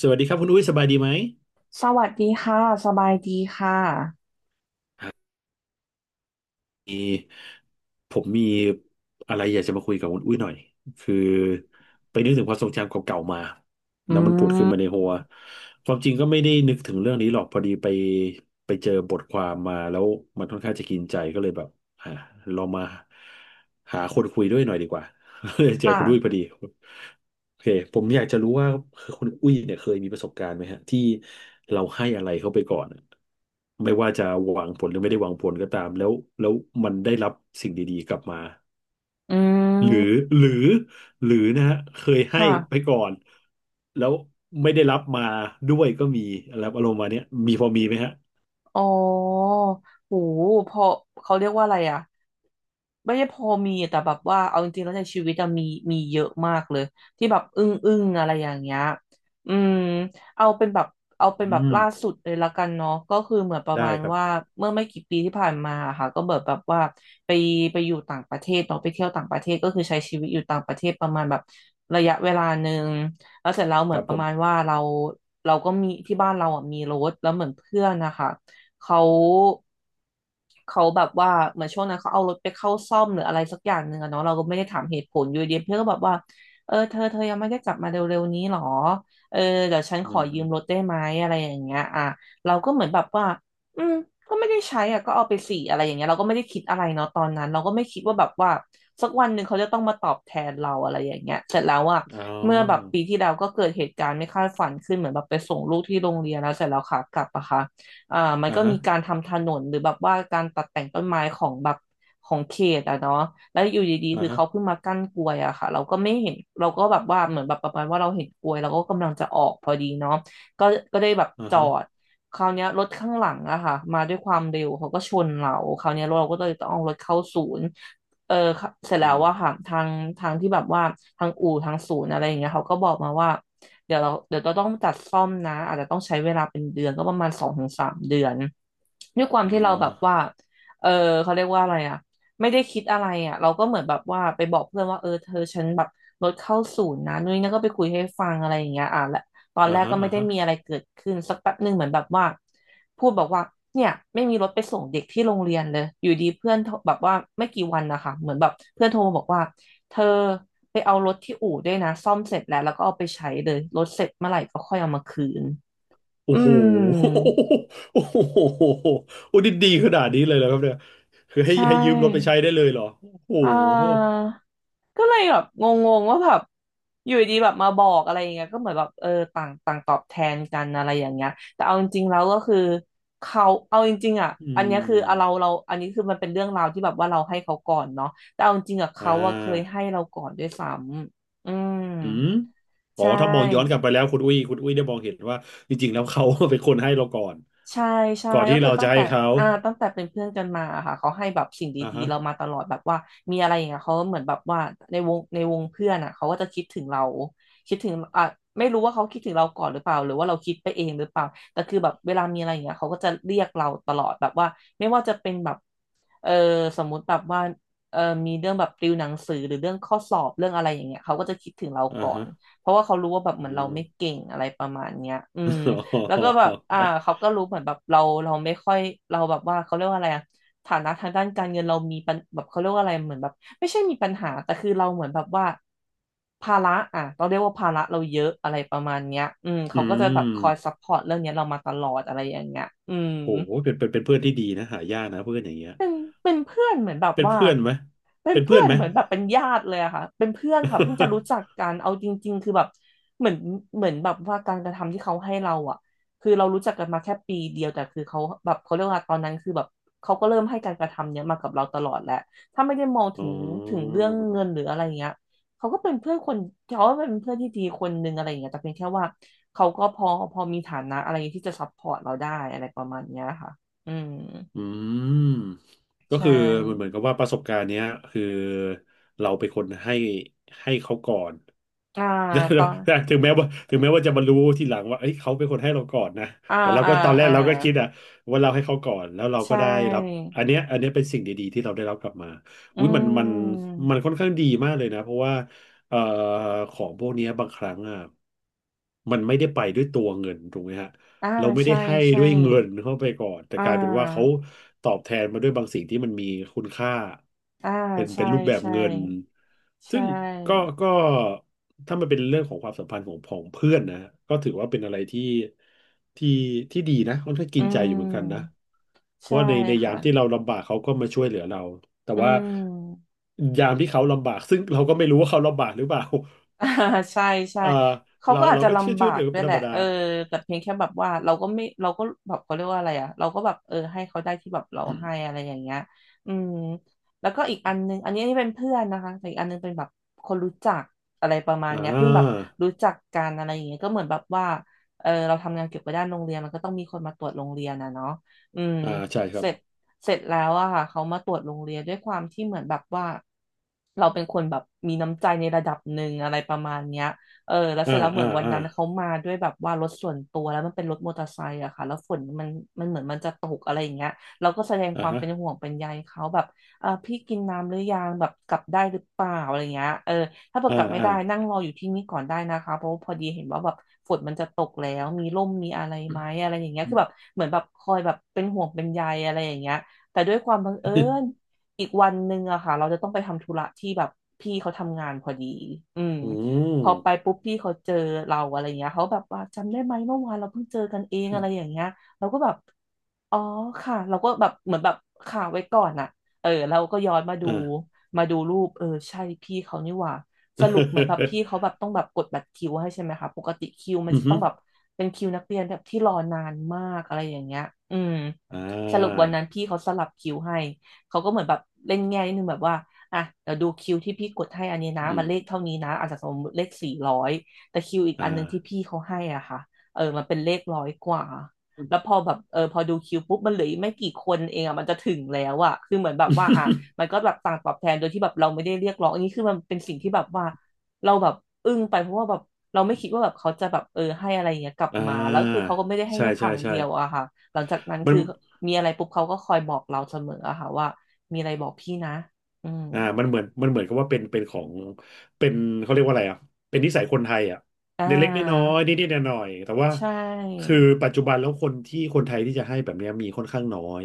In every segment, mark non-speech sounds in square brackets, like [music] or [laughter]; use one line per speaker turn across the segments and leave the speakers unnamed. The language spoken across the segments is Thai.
สวัสดีครับคุณอุ้ยสบายดีไหม
สวัสดีค่ะสบายดีค่ะ
มีผมมีอะไรอยากจะมาคุยกับคุณอุ้ยหน่อยคือไปนึกถึงความทรงจำเก่าๆมาแล้วมันผุดขึ้นมาในหัวความจริงก็ไม่ได้นึกถึงเรื่องนี้หรอกพอดีไปเจอบทความมาแล้วมันค่อนข้างจะกินใจก็เลยแบบอ่าลองมาหาคนคุยด้วยหน่อยดีกว่า [laughs] เลยเจอคุณอุ้ยพ
ค่ะ
อดี โอเคผมอยากจะรู้ว่าคุณอุ้ยเนี่ยเคยมีประสบการณ์ไหมฮะที่เราให้อะไรเขาไปก่อนอะไม่ว่าจะหวังผลหรือไม่ได้หวังผลก็ตามแล้วมันได้รับสิ่งดีๆกลับมา
อื
หรือ
ม
หรือหรือนะฮะเคยให้
ค่ะ
ไปก่อนแล้วไม่ได้รับมาด้วยก็มีอะไรอารมณ์มาเนี้ยมีพอมีไหมฮะ
อ๋อโหพอเขาเรียกว่าอะไรอ่ะไม่ใช่พอมีแต่แบบว่าเอาจริงๆแล้วในชีวิตอะมีเยอะมากเลยที่แบบอึ้งอึ้งอะไรอย่างเงี้ยอืมเอาเป็นแบบเอาเป็น
อื
แบบ
ม
ล่าสุดเลยละกันเนาะก็คือเหมือนประ
ได้
มาณ
ครับ
ว่าเมื่อไม่กี่ปีที่ผ่านมาอะค่ะก็แบบว่าไปไปอยู่ต่างประเทศเนาะไปเที่ยวต่างประเทศก็คือใช้ชีวิตอยู่ต่างประเทศประมาณแบบระยะเวลาหนึ่งแล้วเสร็จแล้วเห
ค
มือ
รั
น
บ
ป
ผ
ระมาณ
ม
ว่าเราก็มีที่บ้านเราอ่ะมีรถแล้วเหมือนเพื่อนนะคะ เขาเขาแบบว่าเหมือนช่วงนั้นเขาเอารถไปเข้าซ่อมหรืออะไรสักอย่างหนึ่งอะเนาะเราก็ไม่ได้ถามเหตุผลอยู่ดีเพื่อนก็แบบว่าเออเธอยังไม่ได้กลับมาเร็วๆนี้หรอเออเดี๋ยวฉัน
อื
ขอ
ม
ยืมรถได้ไหมอะไรอย่างเงี้ยอ่ะเราก็เหมือนแบบว่าอืมก็ไม่ได้ใช้อ่ะก็เอาไปสี่อะไรอย่างเงี้ยเราก็ไม่ได้คิดอะไรเนาะตอนนั้นเราก็ไม่คิดว่าแบบว่าสักวันหนึ่งเขาจะต้องมาตอบแทนเราอะไรอย่างเงี้ยเสร็จแล้วอ่ะ
อ๋
เมื่อแบบ
อ
ปีที่แล้วก็เกิดเหตุการณ์ไม่คาดฝันขึ้นเหมือนแบบไปส่งลูกที่โรงเรียนแล้วเสร็จแล้วขากลับอะค่ะ อ่ามัน
อ่า
ก็
ฮะ
มีการทำถนนหรือแบบว่าการตัดแต่งต้นไม้ของแบบของเขตอะเนาะแล้วอยู่ดีๆ
อ่า
คือ
ฮะ
เขาเพิ่งมากั้นกลวยอะค่ะเราก็ไม่เห็นเราก็แบบว่าเหมือนแบบประมาณว่าเราเห็นกลวยเราก็กำลังจะออกพอดีเนาะก็ก็ได้แบบ
อ่า
จอ
ฮะ
ดคราวเนี้ยรถข้างหลังอะค่ะมาด้วยความเร็วเขาก็ชนเราคราวเนี้ยเราก็เลยต้องเอารถเข้าศูนย์ เออเสร็จ
อื
แล้ว
ม
ว่าค่ะทางที่แบบว่าทางอู่ทางศูนย์อะไรอย่างเงี้ยเขาก็บอกมาว่าเดี๋ยวเราต้องจัดซ่อมนะอาจจะต้องใช้เวลาเป็นเดือนก็ประมาณสองถึงสามเดือนด้วยความ
อ๋อ
ที่เราแบบว่าเออเขาเรียกว่าอะไรอ่ะไม่ได้คิดอะไรอ่ะเราก็เหมือนแบบว่าไปบอกเพื่อนว่าเออเธอฉันแบบรถเข้าศูนย์นะนุ้ยนั่นก็ไปคุยให้ฟังอะไรอย่างเงี้ยอ่ะและตอน
อ่า
แรก
ฮะ
ก็ไม่
อ่า
ได้
ฮะ
มีอะไรเกิดขึ้นสักแป๊บหนึ่งเหมือนแบบว่า พูดบอกว่าเนี่ยไม่มีรถไปส่งเด็กที่โรงเรียนเลยอยู่ดีเพื่อนโทรแบบว่าไม่กี่วันนะคะเหมือนแบบเพื่อนโทรมาบอกว่าเธอไปเอารถที่อู่ด้วยนะซ่อมเสร็จแล้วแล้วก็เอาไปใช้เลยรถเสร็จเมื่อไหร่ก็ค่อยเอามาคืนอื
โอ้โห
ม
โอ้โหโอ้ดีดีขนาดนี้เลยเหรอครับเนี่ยคือให้
ใช
ให้ยืมรถไป
่
ใช้ได้เลยเหรอโอ้
อ่า
โห
ก็เลยแบบงงๆว่าแบบอยู่ดีแบบมาบอกอะไรอย่างเงี้ยก็เหมือนแบบเออต่างต่างตอบแทนกันอะไรอย่างเงี้ยแต่เอาจริงๆแล้วก็คือเขาเอาจริงๆอ่ะ
อื
อันเนี้ยคือเอาเรา
ม
เราอันนี้คือมันเป็นเรื่องราวที่แบบว่าเราให้เขาก่อนเนาะแต่เอาจริงๆอ่ะ
อ่
เขาอะเคย
า
ให้เราก่อนด้วยซ้ำ
อืมอ๋
ใช
อถ้ามองย้อนกลั
่
บไปแล้วคุณอุ้ยได้มองเห็นว่าจริงๆแล้วเขา [laughs] เป็นคนให้เราก่อน
ใช่ใช่
ก่อน
ก็
ที่
คือ
เรา
ตั้
จะ
ง
ให้
แต่
เขา
ตั้งแต่เป็นเพื่อนกันมาค่ะเขาให้แบบสิ่ง
อ่า
ดี
ฮะ
ๆเรามาตลอดแบบว่ามีอะไรอย่างเงี้ยเขาเหมือนแบบว่าในวงเพื่อนอ่ะเขาก็จะคิดถึงเราคิดถึงอ่ะไม่รู้ว่าเขาคิดถึงเราก่อนหรือเปล่าหรือว่าเราคิดไปเองหรือเปล่าแต่คือแบบเวลามีอะไรอย่างเงี้ยเขาก็จะเรียกเราตลอดแบบว่าไม่ว่าจะเป็นแบบเออสมมุติแบบว่าเออมีเรื่องแบบติวหนังสือหรือเรื่องข้อสอบเรื่องอะไรอย่างเงี้ยเขาก็จะคิดถึงเรา
อ่า
ก่อ
ฮะ
นเพราะว่าเขารู้ว่าแบบเห
อื
มือนเรา
ม
ไม่เก่งอะไรประมาณเนี้ยแล้วก็แบบเขาก็
[laughs]
รู้เหมือนแบบเราไม่ค่อยเราแบบว่าเขาเรียกว่าอะไรอะฐานะทางด้านการเงินเรามีปัญแบบเขาเรียกว่าอะไรเหมือนแบบไม่ใช่มีปัญหาแต่คือเราเหมือนแบบว่าภาระอ่ะเราเรียกว่าภาระเราเยอะอะไรประมาณเนี้ย
อื
เขาก็จะแบบค
ม
อยซัพพอร์ตเรื่องเนี้ยเรามาตลอดอะไรอย่างเงี้ย
โอ้โหเป็นเพื่อนที่ดีนะหายากนะเพื่อนอย่างเงี้ย
เป็นเป็นเพื่อนเหมือนแบบ
เป็น
ว่า
เพื่อนไหม
เป็น
เป็นเพื่
เพื่
อ
อ
น
น
ไหม
เหมือนแบบเป็นญาติเลยอะค่ะเป็นเพื่อนค่ะเพิ่งจะรู้จั
[laughs]
กกันเอาจริงๆคือแบบเหมือนเหมือนแบบว่าการกระทำที่เขาให้เราอะคือเรารู้จักกันมาแค่ปีเดียวแต่คือเขาแบบเขาเรียกว่าตอนนั้นคือแบบเขาก็เริ่มให้การกระทำเนี้ยมากับเราตลอดแหละถ้าไม่ได้มอง
อ๋
ถึงถึง
อ
เรื่องเงินหรืออะไรเงี้ยเขาก็เป็นเพื่อนคนเขาก็เป็นเพื่อนที่ดีคนนึงอะไรอย่างเงี้ยแต่เพียงแค่ว่าเขาก็พอมีฐานะอะไรที่จะซัพพอร์ตเราได้อะไรประมาณเนี้ยค่ะอืม
อืมก็
ใช่
คือมันเหมือนกับว่าประสบการณ์เนี้ยคือเราเป็นคนให้เขาก่อน
อ่าตอน
[laughs] ถึงแม้ว่าจะมารู้ทีหลังว่าเอ้ยเขาเป็นคนให้เราก่อนนะ
อ่า
แต่เรา
อ่า
ก็ตอนแรก
อ่า
เราก็คิดอะว่าเราให้เขาก่อนแล้วเราก็
ใช่
ได้รับอันเนี้ยเป็นสิ่งดีๆที่เราได้รับกลับมา
อื
อุ้ยมันมัน
ม
มันค่อนข้างดีมากเลยนะเพราะว่าเอ่อของพวกเนี้ยบางครั้งอะมันไม่ได้ไปด้วยตัวเงินถูกไหมฮะ
อ่า
เราไม่ได้
ใช่
ให้
ใช่
ด้วยเงินเข้าไปก่อนแต่
อ่
กลายเป็นว่าเขา
า
ตอบแทนมาด้วยบางสิ่งที่มันมีคุณค่า
อ่า
เป็นเป็
ใช่
นรูปแบบ
ใช่
เงิน
ใช
ซึ่งก็
่
ก็ถ้ามันเป็นเรื่องของความสัมพันธ์ของของเพื่อนนะก็ถือว่าเป็นอะไรที่ที่ดีนะค่อนข้างกิ
อื
นใจอยู่เหมือนกันนะ
ม
เพราะ
ใช่
ว่าในยา
ค่ะ
มที่เราลำบากเขาก็มาช่วยเหลือเราแต่
อื
ว่า
ม
ยามที่เขาลำบากซึ่งเราก็ไม่รู้ว่าเขาลำบากหรือเปล่า
[laughs] อ่าใช่
[laughs]
ใช่
เอ่อ
เขา
เรา
ก็อาจ
เรา
จะ
ก็เชื่อ
ลำ
ช่
บา
วยเหลื
ก
อ
ด้ว
เป็
ย
นธ
แห
ร
ละ
รมดา
เออแต่เพียงแค่แบบว่าเราก็ไม่เราก็แบบเขาเรียกว่าอะไรอ่ะเราก็แบบเออให้เขาได้ที่แบบเราให้อะไรอย่างเงี้ยอืมแล้วก็อีกอันนึงอันนี้ที่เป็นเพื่อนนะคะแต่อีกอันนึงเป็นแบบคนรู้จักอะไรประมาณ
อ่
เนี้ยเพิ่งแบบ
า
รู้จักกันอะไรอย่างเงี้ยก็เหมือนแบบว่าเออเราทำงานเกี่ยวกับด้านโรงเรียนมันก็ต้องมีคนมาตรวจโรงเรียนนะเนาะอืม
อ่าใช่ค
เส
รับ
ร็จ เสร็จแล้วอะค่ะเขามาตรวจโรงเรียนด้วยความที่เหมือนแบบว่าเราเป็นคนแบบมีน้ำใจในระดับหนึ่งอะไรประมาณเนี้ยเออแล้วเส
อ่า
ร็จแล้วเหมื
อ่า
อนวัน
อ่า
นั้นเขามาด้วยแบบว่ารถส่วนตัวแล้วมันเป็นรถมอเตอร์ไซค์อะค่ะแล้วฝนมันเหมือนมันจะตกอะไรอย่างเงี้ยเราก็แสดงค
อ่า
วาม
ฮะ
เป็นห่วงเป็นใยเขาแบบเออพี่กินน้ำหรือยังแบบกลับได้หรือเปล่าอะไรเงี้ยเออถ้าเกิด
อ่า
กลับไม่
อ่า
ได้นั่งรออยู่ที่นี่ก่อนได้นะคะเพราะว่าพอดีเห็นว่าแบบฝนมันจะตกแล้วมีร่มมีอะไรไหมอะไรอย่างเงี้ย
อื
คือ
ม
แบบเหมือนแบบคอยแบบเป็นห่วงเป็นใยอะไรอย่างเงี้ย แต่ด้วยความบังเอิญอีกวันหนึ่งอะค่ะเราจะต้องไปทำธุระที่แบบพี่เขาทำงานพอดีอืม
[laughs] อืม
พอไปปุ๊บพี่เขาเจอเราอะไรเงี้ยเขาแบบว่าจำได้ไหมเมื่อวานเราเพิ่งเจอกันเองอะไรอย่างเงี้ยเราก็แบบ อ๋อค่ะเราก็แบบเหมือนแบบข่าวไว้ก่อนอะเออเราก็ย้อนมาดู
อ่า
มาดูรูปเออใช่พี่เขานี่หว่าสรุปเหมือนแบบ
[laughs]
พี่เขาแบบต้องแบบกดบัตรคิวให้ใช่ไหมคะปกติคิวมัน
อือ
จะ
ฮึ
ต้องแบบเป็นคิวนักเรียนแบบที่รอนานมากอะไรอย่างเงี้ยอืม
อ่
สรุป
า
วันนั้นพี่เขาสลับคิวให้เขาก็เหมือนแบบเล่นแง่นิดนึงแบบว่าอ่ะเดี๋ยวดูคิวที่พี่กดให้อันนี้นะ
อื
มั
ม
นเลขเท่านี้นะอาจจะสมมติเลข400แต่คิวอีก
อ่า
อันหนึงที่พี่เขาให้อ่ะค่ะเออมันเป็นเลขร้อยกว่า แล้วพอแบบเออพอดูคิวปุ๊บมันเหลืออีกไม่กี่คนเองอ่ะมันจะถึงแล้วอ่ะคือเหมือนแบบว่าอ่ะมัน
[laughs]
ก็แบบต่างตอบแทนโดยที่แบบเราไม่ได้เรียกร้องอันนี้คือมันเป็นสิ่งที่แบบว่าเราแบบอึ้งไปเพราะว่าแบบเราไม่คิดว่าแบบเขาจะแบบเออให้อะไรอย่างเงี้ยกลับ
อ่
มาแล้วคือ
า
เขาก็ไม่ได้ให้
ใช่
แค่ค
ใช่
รั้ง
ใช่
เดียวอะค่ะหลังจากนั้น
มัน
คือมีอะไรปุ๊บเขาก็คอยบอกเราเสมออะค่ะว่ามีอะไรบอกพี่นะอืม
อ่ามันเหมือนกับว่าเป็นเป็นของเป็นเขาเรียกว่าอะไรอ่ะเป็นนิสัยคนไทยอ่ะ
อ่
เล็กๆน้อ
า
ยๆนิดๆหน่อยๆแต่ว่า
ใช
คือ
่
ปัจจุบันแล้วคนที่คนไทยที่จะให้แบบเนี้ยมีค่อนข้างน้อย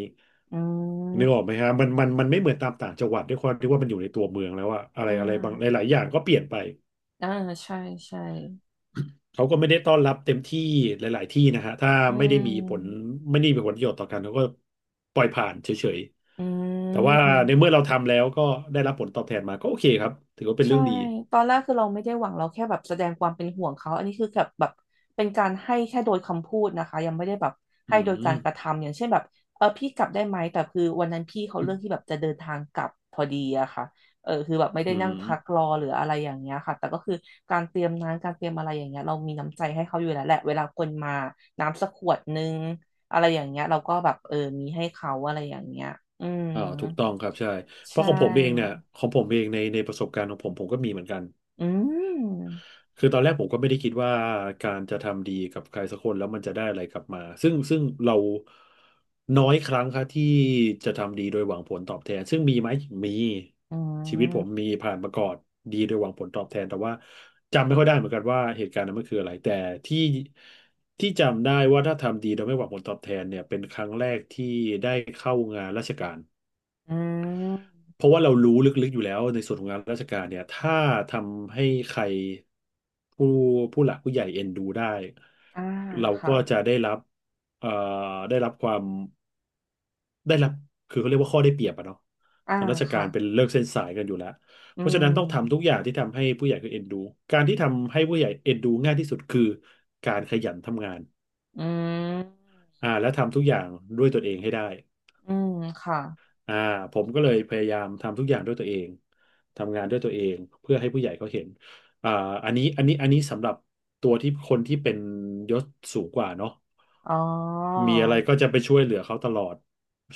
อืม
นึกออกไหมฮะมันไม่เหมือนตามต่างจังหวัดด้วยความที่ว่ามันอยู่ในตัวเมืองแล้วอะอะไร
อ่
อะไรบางห
า
ลายๆอย่างก็เปลี่ยนไป
อ่าใช่ใช่
เขาก็ไม่ได้ต้อนรับเต็มที่หลาย ๆ ที่นะฮะถ้า
อื
ไม่ได้มีผล
ม
ประโยชน์ต่อกันเขาก็ปล่อยผ่านเฉย
อื
ๆ แต่ว่าในเมื่
ม
อเราทำแล้วก็ได้รับผลตอบแทนมาก็โอเคครับถือว่าเป็น
ใช่
เรื่องดี
ตอนแรกคือเราไม่ได้หวังเราแค่แบบแสดงความเป็นห่วงเขา อันนี้คือแบบแบบเป็นการให้แค่โดยคำพูดนะคะ ยังไม่ได้แบบ
อื
ให้โดยกา
ม
รกระทำ อย่างเช่นแบบ เออพี่กลับได้ไหมแต่คือวันนั้นพี่เขาเรื่องที่แบบจะเดินทางกลับพอดีอะค่ะเออคือแบบไม่ได้
อื
นั่ง
ม
พักรอหรืออะไรอย่างเงี้ยค่ะแต่ก็คือการเตรียมน้ำการเตรียมอะไรอย่างเงี้ยเรามีน้ำใจให้เขาอยู่แล้วแหละเวลาคนมาน้ำสักขวดนึงอะไรอย่างเงี้ยเราก็แบบเออมีให้เขาอะไรอย่างเงี้ยอืม
อ่าถูกต้องครับใช่เพ
ใช่
ราะของผมเองเนี่ยของผมเองในในประสบการณ์ของผมผมก็มีเหมือนกัน
อืม
คือตอนแรกผมก็ไม่ได้คิดว่าการจะทำดีกับใครสักคนแล้วมันจะได้อะไรกลับมาซึ่งเราน้อยครั้งครับที่จะทำดีโดยหวังผลตอบแทนซึ่งมีไหมมี
อื
ชีวิตผม
ม
มีผ่านมาก่อนดีโดยหวังผลตอบแทนแต่ว่าจำไม่ค่อยได้เหมือนกันว่าเหตุการณ์นั้นมันคืออะไรแต่ที่ที่จำได้ว่าถ้าทำดีโดยไม่หวังผลตอบแทนเนี่ยเป็นครั้งแรกที่ได้เข้างานราชการ
อืม
เพราะว่าเรารู้ลึกๆอยู่แล้วในส่วนของงานราชการเนี่ยถ้าทำให้ใครผู้ผู้หลักผู้ใหญ่เอ็นดูได้
อ่า
เรา
ค่ะ
ก็จะได้รับเอ่อได้รับความได้รับคือเขาเรียกว่าข้อได้เปรียบอะเนาะ
อ่า
ทางราชกา
ค่ะ
รเป็นเลิกเส้นสายกันอยู่แล้ว
อื
เพราะฉะนั้นต้องทำทุก
ม
อย่างที่ทำให้ผู้ใหญ่คือเอ็นดูการที่ทำให้ผู้ใหญ่เอ็นดูง่ายที่สุดคือการขยันทำงาน
อืม
อ่าและทำทุกอย่างด้วยตนเองให้ได้
อืมค่ะ
อ่าผมก็เลยพยายามทำทุกอย่างด้วยตัวเองทำงานด้วยตัวเองเพื่อให้ผู้ใหญ่เขาเห็นอ่าอันนี้สำหรับตัวที่คนที่เป็นยศสูงกว่าเนาะ
อ๋อ
มีอะไรก็จะไปช่วยเหลือเขาตลอด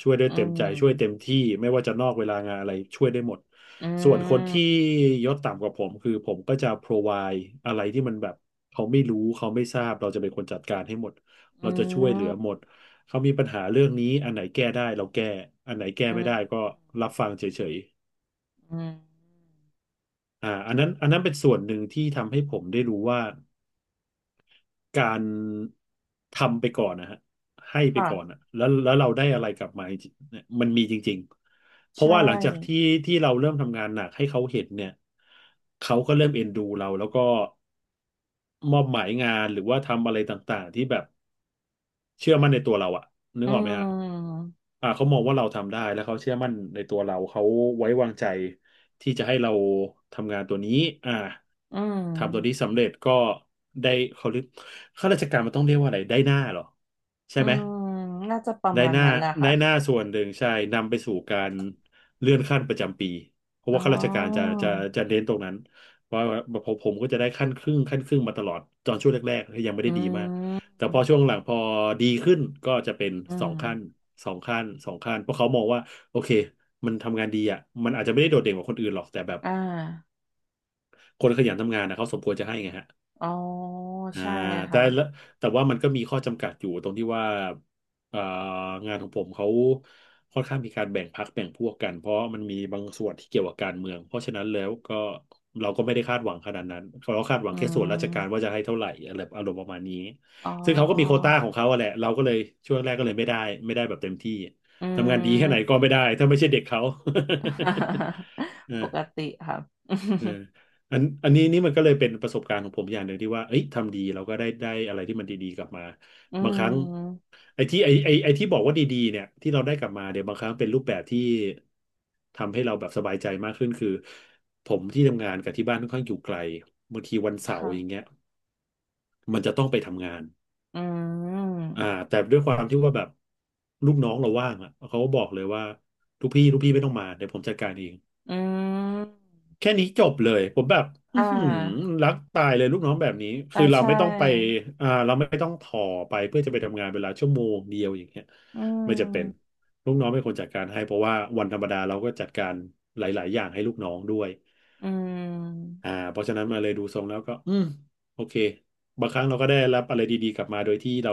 ช่วยด้ว
อื
ยเต็มใจช่วยเต็ม
ม
ที่ไม่ว่าจะนอกเวลางานอะไรช่วยได้หมด
อื
ส่วนคนที่
ม
ยศต่ำกว่าผมคือผมก็จะ provide อะไรที่มันแบบเขาไม่รู้เขาไม่ทราบเราจะเป็นคนจัดการให้หมดเรา
อื
จะช่วยเหลือ
ม
หมด เขามีปัญหาเรื่องนี้อันไหนแก้ได้เราแก้อันไหนแก้
อื
ไม่
ม
ได้ก็รับฟังเฉย
อืม
ๆอันนั้นเป็นส่วนหนึ่งที่ทำให้ผมได้รู้ว่าการทำไปก่อนนะฮะให้ไป
ค่ะ
ก่อนอะแล้วเราได้อะไรกลับมาจริงๆเนี่ยมันมีจริงๆเพราะ
ใช่
ว่าหลังจากที่เราเริ่มทำงานหนักให้เขาเห็นเนี่ยเขาก็เริ่มเอ็นดูเราแล้วก็มอบหมายงานหรือว่าทำอะไรต่างๆที่แบบเชื่อมั่นในตัวเราอะนึ
อื
กออกไหมฮะ
ม
เขามองว่าเราทำได้แล้วเขาเชื่อมั่นในตัวเราเขาไว้วางใจที่จะให้เราทำงานตัวนี้อ่า
อื
ทำตัวนี้
ม
สำเร็จก็ได้เขาเรียกข้าราชการมันต้องเรียกว่าอะไรได้หน้าเหรอใช่
อื
ไหม
มน่าจะประ
ได้
มาณ
หน้า
นั้นแหละ
ได้
ค่ะ
หน้าส่วนหนึ่งใช่นำไปสู่การเลื่อนขั้นประจำปีเพราะ
อ๋อ
ว่าข้าราชการจะเน้นตรงนั้นว่าผมก็จะได้ขั้นครึ่งขั้นครึ่งมาตลอดตอนช่วงแรกๆยังไม่
อื
ได้ดีมาก
ม
แต่พอช่วงหลังพอดีขึ้นก็จะเป็น
อื
สอง
ม
ขั้นสองขั้นเพราะเขามองว่าโอเคมันทำงานดีอ่ะมันอาจจะไม่ได้โดดเด่นกว่าคนอื่นหรอกแต่แบบ
อ่า
คนขยันทำงานนะเขาสมควรจะให้ไงฮะ
อ๋อ
อ่า
ใช่
แต่
ค่ะ
ละแต่ว่ามันก็มีข้อจำกัดอยู่ตรงที่ว่าเอ่องานของผมเขาค่อนข้างมีการแบ่งพรรคแบ่งพวกกันเพราะมันมีบางส่วนที่เกี่ยวกับการเมืองเพราะฉะนั้นแล้วก็เราก็ไม่ได้คาดหวังขนาดนั้นเราคาดหวั
อื
งแค่ส่วนราชการ
ม
ว่าจะให้เท่าไหร่อะไรอารมณ์ประมาณนี้
อ๋อ
ซึ่งเขาก็มีโควต้าของเขาอะแหละเราก็เลยช่วงแรกก็เลยไม่ได้แบบเต็มที่
อื
ทำงานดีแค่ไหนก็
ม
ไม่ได้ถ้าไม่ใช่เด็กเขา
[laughs] ปก
[laughs]
ติครับ
เอออันนี้นี่มันก็เลยเป็นประสบการณ์ของผมอย่างหนึ่งที่ว่าเอ้ยทำดีเราก็ได้ได้อะไรที่มันดีๆกลับมา
[laughs] อื
บางครั้ง
ม
ไอ้ที่ไอ้ไอ้ไอ้ที่บอกว่าดีๆเนี่ยที่เราได้กลับมาเนี่ยบางครั้งเป็นรูปแบบที่ทำให้เราแบบสบายใจมากขึ้นคือผมที่ทำงานกับที่บ้านค่อนข้างอยู่ไกลบางทีวันเสาร์อย่าง
ค่ะ
เงี้ยมันจะต้องไปทำงาน
อื
อ่า
ม
แต่ด้วยความที่ว่าแบบลูกน้องเราว่างอ่ะเขาก็บอกเลยว่าลูกพี่ไม่ต้องมาเดี๋ยวผมจัดการเอง
อืม
แค่นี้จบเลยผมแบบอื
อ่า
อหือรักตายเลยลูกน้องแบบนี้
อ่า
คือเรา
ใช่
ไม่ต้องไปเราไม่ต้องถ่อไปเพื่อจะไปทำงานเวลาชั่วโมงเดียวอย่างเงี้ย
อื
ไม่จะเป็น
ม
ลูกน้องเป็นคนจัดการให้เพราะว่าวันธรรมดาเราก็จัดการหลายๆอย่างให้ลูกน้องด้วย
อืม
เพราะฉะนั้นมาเลยดูทรงแล้วก็อืมโอเคบางครั้งเราก็ได้รับอะไรดี ๆ กลับมาโดยที่เรา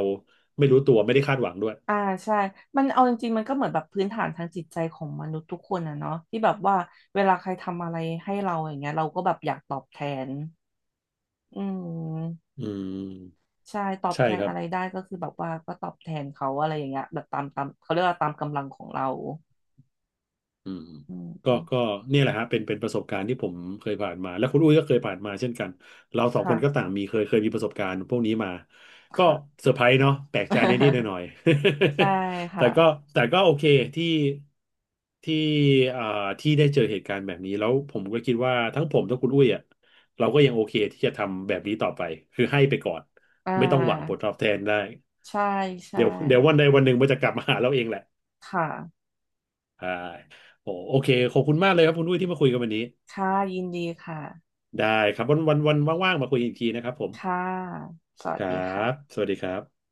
ไม่รู้ตัวไม่ได้คาดหวังด้วย
อ่าใช่มันเอาจริงๆมันก็เหมือนแบบพื้นฐานทางจิตใจของมนุษย์ทุกคนอะเนาะที่แบบว่าเวลาใครทำอะไรให้เราอย่างเงี้ยเราก็แบบอยากตอบแทนอืม
อืม
ใช่ตอบ
ใช่
แทน
ครับ
อะไรได้ก็คือแบบว่าก็ตอบแทนเขาอะไรอย่างเงี้ยแบบตามเขาเรียกว่าตามกำลังของเรา
อืม
อืม
ก็
อืม
เนี่ยแหละฮะเป็นประสบการณ์ที่ผมเคยผ่านมาและคุณอุ้ยก็เคยผ่านมาเช่นกันเราสองค
ค่ะ
นก็ต่างมีเคยมีประสบการณ์พวกนี้มาก็
ค่ะ
เซอร์ไพรส์เนาะแปลกใจนิดๆหน่อย
[laughs] ใช่
ๆ [laughs] แต่
ค่ะ
ก็โอเคที่ที่อ่าที่ได้เจอเหตุการณ์แบบนี้แล้วผมก็คิดว่าทั้งผมทั้งคุณอุ้ยอ่ะเราก็ยังโอเคที่จะทำแบบนี้ต่อไปคือให้ไปก่อน
อ่
ไม่ต้องหวังผ
า
ลตอบแทนได้
ใช่ใช่
เดี๋ยววันใดวันหนึ่งมันจะกลับมาหาเราเองแหละ
ค่ะ
ใช่โอโอเคขอบคุณมากเลยครับคุณอุ้ยที่มาคุยกันวันนี้
ค่ะยินดีค่ะ
ได้ครับวันว่างๆมาคุยอีกทีนะครับผม
ค่ะสวั
ค
ส
รั
ดี
บ
ค่ะ
สวัสดีครับ